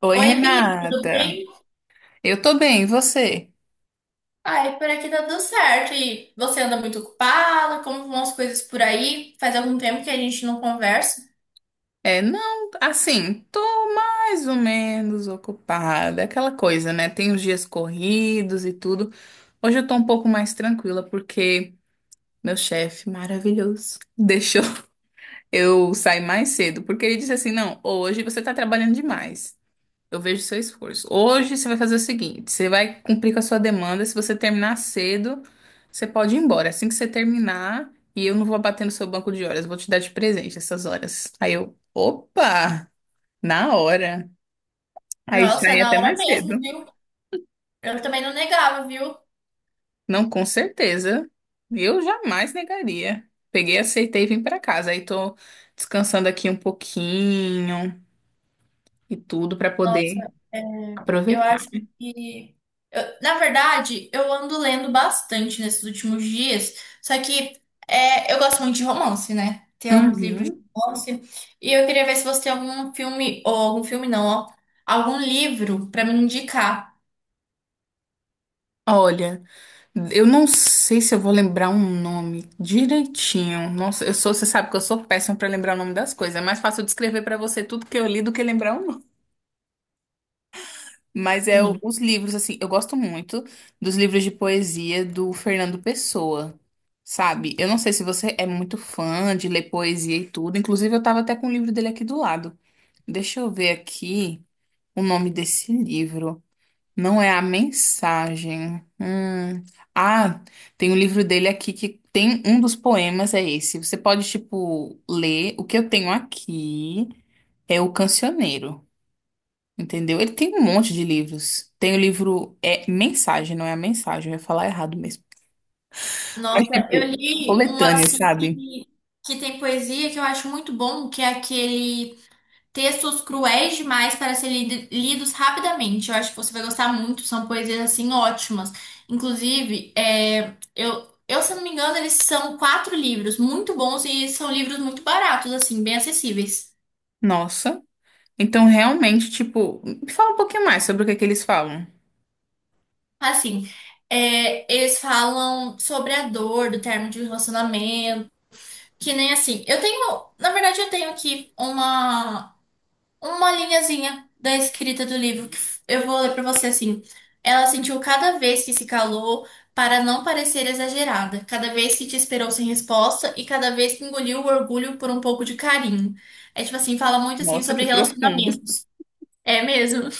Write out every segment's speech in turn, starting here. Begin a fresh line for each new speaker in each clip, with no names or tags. Oi,
Oi, Bia, tudo
Renata.
bem?
Eu tô bem, e você?
Ai, por aqui tá tudo certo. E você anda muito ocupada? Como vão as coisas por aí? Faz algum tempo que a gente não conversa.
É, não, assim, tô mais ou menos ocupada, aquela coisa, né? Tem os dias corridos e tudo. Hoje eu tô um pouco mais tranquila porque meu chefe maravilhoso deixou eu sair mais cedo, porque ele disse assim: "Não, hoje você tá trabalhando demais. Eu vejo seu esforço. Hoje você vai fazer o seguinte: você vai cumprir com a sua demanda. Se você terminar cedo, você pode ir embora. Assim que você terminar, e eu não vou bater no seu banco de horas, eu vou te dar de presente essas horas." Aí eu, opa, na hora. Aí já
Nossa, é
ia
na
até
hora
mais cedo.
mesmo, viu? Eu também não negava, viu?
Não, com certeza. Eu jamais negaria. Peguei, aceitei e vim para casa. Aí tô descansando aqui um pouquinho e tudo para poder
Nossa, é, eu
aproveitar.
acho que. Eu- na verdade, eu ando lendo bastante nesses últimos dias, só que eu gosto muito de romance, né? Tem alguns livros de
Uhum.
romance. E eu queria ver se você tem algum filme, ou algum filme não, ó, algum livro pra me indicar.
Olha, eu não sei se eu vou lembrar um nome direitinho. Nossa, eu sou, você sabe que eu sou péssima para lembrar o nome das coisas. É mais fácil eu descrever para você tudo que eu li do que lembrar o nome. Mas
Sim.
os livros assim, eu gosto muito dos livros de poesia do Fernando Pessoa. Sabe? Eu não sei se você é muito fã de ler poesia e tudo. Inclusive, eu tava até com o livro dele aqui do lado. Deixa eu ver aqui o nome desse livro. Não é a mensagem. Hum. Ah, tem um livro dele aqui que tem um dos poemas, é esse. Você pode, tipo, ler. O que eu tenho aqui é o Cancioneiro, entendeu? Ele tem um monte de livros. Tem o livro é Mensagem, não é a mensagem, eu ia falar errado mesmo. Mas,
Nossa, eu
tipo,
li um
coletânea,
assim
sabe?
que tem poesia que eu acho muito bom, que é aquele textos cruéis demais para serem lidos rapidamente. Eu acho que você vai gostar muito, são poesias assim ótimas. Inclusive, se não me engano, eles são quatro livros muito bons e são livros muito baratos, assim, bem acessíveis.
Nossa. Então, realmente, tipo, me fala um pouquinho mais sobre o que é que eles falam.
Assim, eles falam sobre a dor do término de um relacionamento, que nem assim. Eu tenho, na verdade, eu tenho aqui uma linhazinha da escrita do livro eu vou ler pra você assim. Ela sentiu cada vez que se calou para não parecer exagerada, cada vez que te esperou sem resposta e cada vez que engoliu o orgulho por um pouco de carinho. É tipo assim, fala muito assim
Nossa,
sobre
que profundo.
relacionamentos. É mesmo?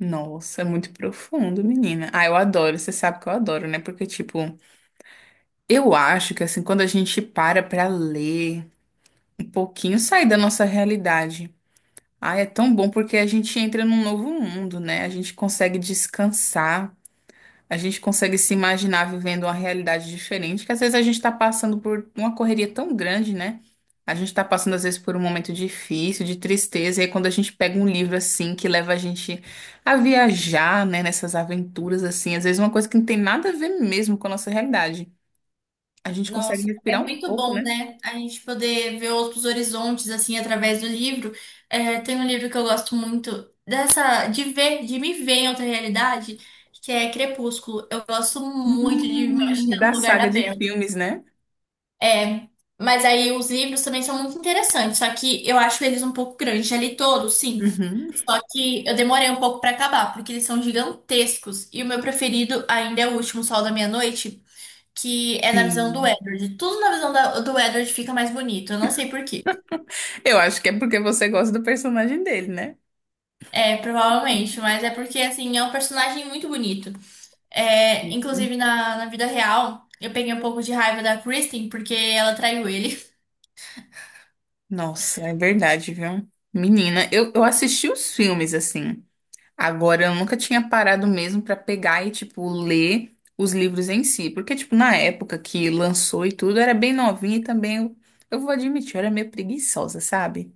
Nossa, é muito profundo, menina. Ah, eu adoro, você sabe que eu adoro, né? Porque, tipo, eu acho que, assim, quando a gente para pra ler um pouquinho, sai da nossa realidade. Ah, é tão bom porque a gente entra num novo mundo, né? A gente consegue descansar. A gente consegue se imaginar vivendo uma realidade diferente, que às vezes a gente está passando por uma correria tão grande, né? A gente está passando, às vezes, por um momento difícil, de tristeza, e aí quando a gente pega um livro assim, que leva a gente a viajar, né, nessas aventuras, assim, às vezes uma coisa que não tem nada a ver mesmo com a nossa realidade. A gente consegue
Nossa, é
respirar um
muito
pouco,
bom,
né?
né? A gente poder ver outros horizontes, assim, através do livro. É, tem um livro que eu gosto muito dessa, de ver, de me ver em outra realidade, que é Crepúsculo. Eu gosto muito de me imaginar no
Da
lugar da
saga de
Bella.
filmes, né?
É, mas aí os livros também são muito interessantes, só que eu acho eles um pouco grandes. Já li todos, sim.
Uhum.
Só que eu demorei um pouco pra acabar, porque eles são gigantescos. E o meu preferido ainda é o último Sol da Meia-Noite, que é na visão do
Sim.
Edward. Tudo na visão do Edward fica mais bonito. Eu não sei por quê.
Eu acho que é porque você gosta do personagem dele, né?
É, provavelmente, mas é porque, assim, é um personagem muito bonito. É,
Sim.
inclusive, na vida real, eu peguei um pouco de raiva da Kristen porque ela traiu ele.
Nossa, é verdade, viu? Menina, eu assisti os filmes assim. Agora, eu nunca tinha parado mesmo pra pegar e, tipo, ler os livros em si. Porque, tipo, na época que lançou e tudo, eu era bem novinha e também, eu vou admitir, eu era meio preguiçosa, sabe?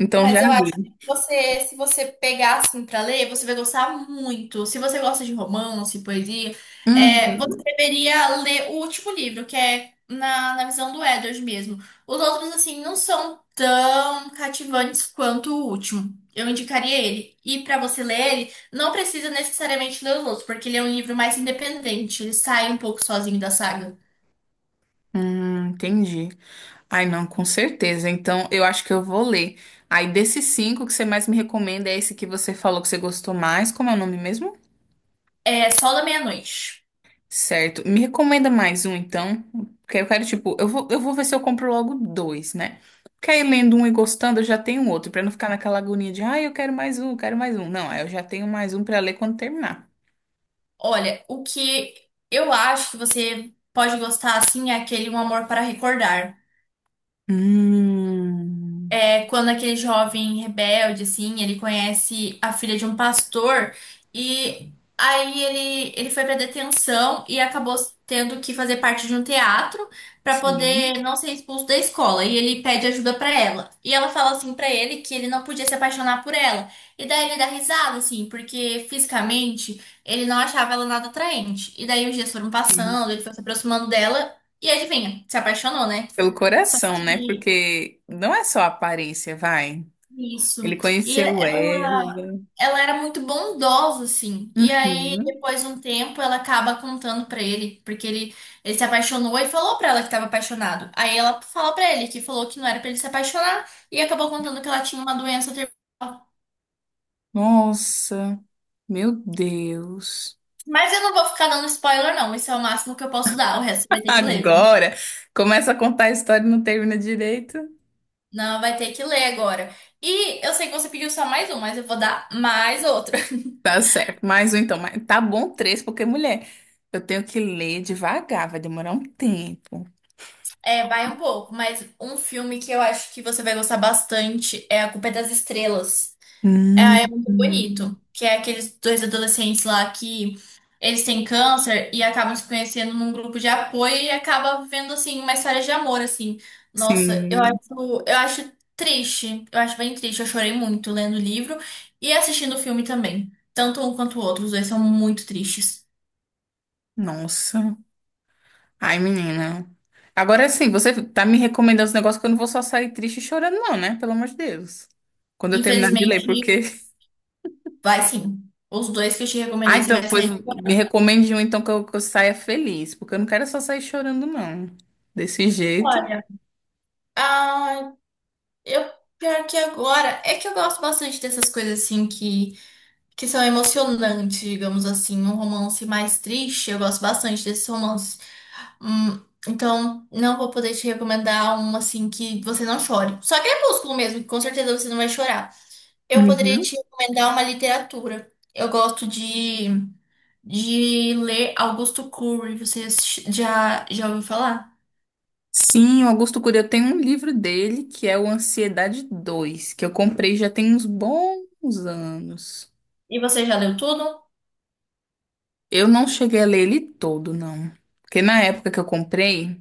Então, já
Mas eu acho que
li.
você, se você pegar assim pra ler, você vai gostar muito. Se você gosta de romance, poesia,
Hum,
é, você deveria ler o último livro, que é na visão do Edward mesmo. Os outros, assim, não são tão cativantes quanto o último. Eu indicaria ele. E pra você ler ele, não precisa necessariamente ler os outros, porque ele é um livro mais independente. Ele sai um pouco sozinho da saga.
entendi. Ai, não, com certeza. Então, eu acho que eu vou ler. Aí, desses cinco que você mais me recomenda, é esse que você falou que você gostou mais. Como é o nome mesmo?
É só da meia-noite.
Certo. Me recomenda mais um, então. Porque eu quero, tipo, eu vou ver se eu compro logo dois, né? Porque aí lendo um e gostando, eu já tenho outro, pra não ficar naquela agonia de, ah, eu quero mais um, eu quero mais um. Não, aí eu já tenho mais um pra ler quando terminar.
Olha, o que eu acho que você pode gostar assim é aquele Um Amor para Recordar.
Hum,
É quando aquele jovem rebelde, assim, ele conhece a filha de um pastor e aí ele foi pra detenção e acabou tendo que fazer parte de um teatro pra
sim,
poder não ser expulso da escola. E ele pede ajuda pra ela. E ela fala assim pra ele que ele não podia se apaixonar por ela. E daí ele dá risada, assim, porque fisicamente ele não achava ela nada atraente. E daí os dias foram
sim.
passando, ele foi se aproximando dela e adivinha, se apaixonou, né?
Pelo
Só
coração, né?
que
Porque não é só a aparência, vai. Ele
isso. E
conheceu ela.
ela era muito bondosa, assim. E aí,
Uhum.
depois de um tempo, ela acaba contando pra ele, ele se apaixonou e falou pra ela que tava apaixonado. Aí ela fala pra ele que falou que não era pra ele se apaixonar e acabou contando que ela tinha uma doença terminal.
Nossa, meu Deus.
Mas eu não vou ficar dando spoiler, não. Esse é o máximo que eu posso dar. O resto você vai ter que ler, viu?
Agora começa a contar a história e não termina direito.
Não, vai ter que ler agora. E eu sei que você pediu só mais um, mas eu vou dar mais outro.
Tá certo. Mais um então. Mas tá bom três, porque, mulher, eu tenho que ler devagar, vai demorar um tempo.
É, vai um pouco, mas um filme que eu acho que você vai gostar bastante é A Culpa é das Estrelas.
Hum,
É, é muito bonito,
hum.
que é aqueles dois adolescentes lá que eles têm câncer e acabam se conhecendo num grupo de apoio e acaba vivendo assim uma história de amor assim. Nossa,
Sim.
eu acho triste, eu acho bem triste. Eu chorei muito lendo o livro e assistindo o filme também. Tanto um quanto o outro, os dois são muito tristes.
Nossa. Ai, menina. Agora sim, você tá me recomendando os negócios que eu não vou só sair triste e chorando, não, né? Pelo amor de Deus. Quando eu terminar de ler,
Infelizmente,
porque.
vai sim. Os dois que eu te
Ah,
recomendei, você
então,
vai
pois
sair
me recomende um então que eu saia feliz, porque eu não quero só sair chorando, não. Desse jeito.
fora. Ah, eu pior que agora. É que eu gosto bastante dessas coisas assim que são emocionantes, digamos assim. Um romance mais triste, eu gosto bastante desses romances. Então, não vou poder te recomendar um assim que você não chore. Só Crepúsculo mesmo, que com certeza você não vai chorar. Eu poderia
Uhum.
te recomendar uma literatura. Eu gosto de ler Augusto Cury. Você já ouviu falar?
Sim, o Augusto Cury, eu tenho um livro dele que é o Ansiedade 2 que eu comprei já tem uns bons anos.
E você já leu tudo?
Eu não cheguei a ler ele todo, não. Porque na época que eu comprei,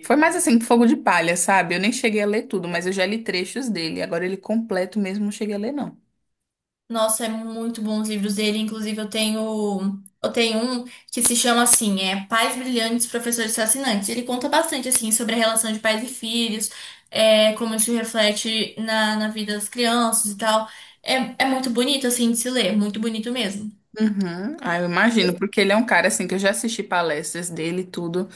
foi mais assim, fogo de palha, sabe? Eu nem cheguei a ler tudo, mas eu já li trechos dele. Agora ele completo mesmo, não cheguei a ler, não.
Nossa, é muito bom os livros dele. Inclusive, eu tenho um que se chama assim, é Pais Brilhantes, Professores Fascinantes. Ele conta bastante assim sobre a relação de pais e filhos, é, como isso reflete na vida das crianças e tal. É, é muito bonito assim de se ler, muito bonito mesmo.
Uhum. Ah, eu imagino, porque ele é um cara assim que eu já assisti palestras dele e tudo.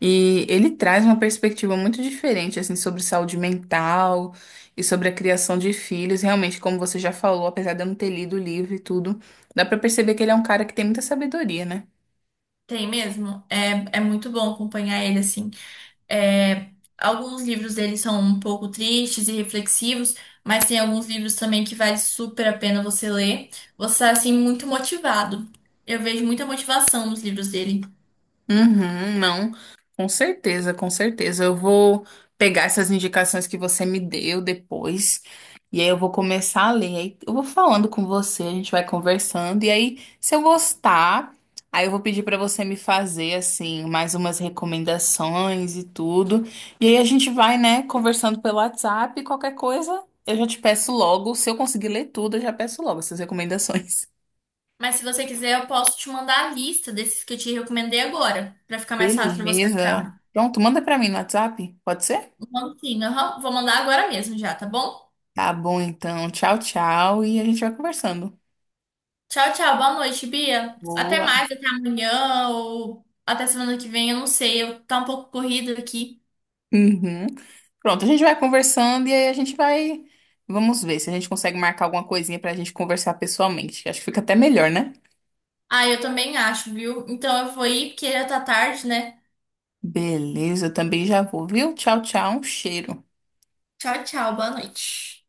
E ele traz uma perspectiva muito diferente, assim, sobre saúde mental e sobre a criação de filhos. Realmente, como você já falou, apesar de eu não ter lido o livro e tudo, dá pra perceber que ele é um cara que tem muita sabedoria, né?
Tem mesmo. É, é muito bom acompanhar ele assim. É, alguns livros dele são um pouco tristes e reflexivos, mas tem alguns livros também que vale super a pena você ler. Você está assim muito motivado. Eu vejo muita motivação nos livros dele.
Uhum, não, com certeza, com certeza. Eu vou pegar essas indicações que você me deu depois, e aí eu vou começar a ler. Aí eu vou falando com você, a gente vai conversando, e aí, se eu gostar, aí eu vou pedir para você me fazer, assim, mais umas recomendações e tudo. E aí a gente vai, né, conversando pelo WhatsApp, qualquer coisa, eu já te peço logo. Se eu conseguir ler tudo, eu já peço logo essas recomendações.
Mas se você quiser, eu posso te mandar a lista desses que eu te recomendei agora, para ficar mais fácil
Beleza.
para você
Beleza?
achar.
Pronto, manda para mim no WhatsApp, pode ser?
Mando sim, aham. Vou mandar agora mesmo já, tá bom?
Tá bom, então. Tchau, tchau. E a gente vai conversando.
Tchau, tchau. Boa noite, Bia. Até
Boa.
mais, até amanhã ou até semana que vem, eu não sei. Eu tá um pouco corrido aqui.
Uhum. Pronto, a gente vai conversando e aí a gente vai. Vamos ver se a gente consegue marcar alguma coisinha pra gente conversar pessoalmente. Acho que fica até melhor, né?
Ah, eu também acho, viu? Então eu vou ir porque já tá tarde, né?
Beleza, eu também já vou, viu? Tchau, tchau. Um cheiro.
Tchau, tchau, boa noite.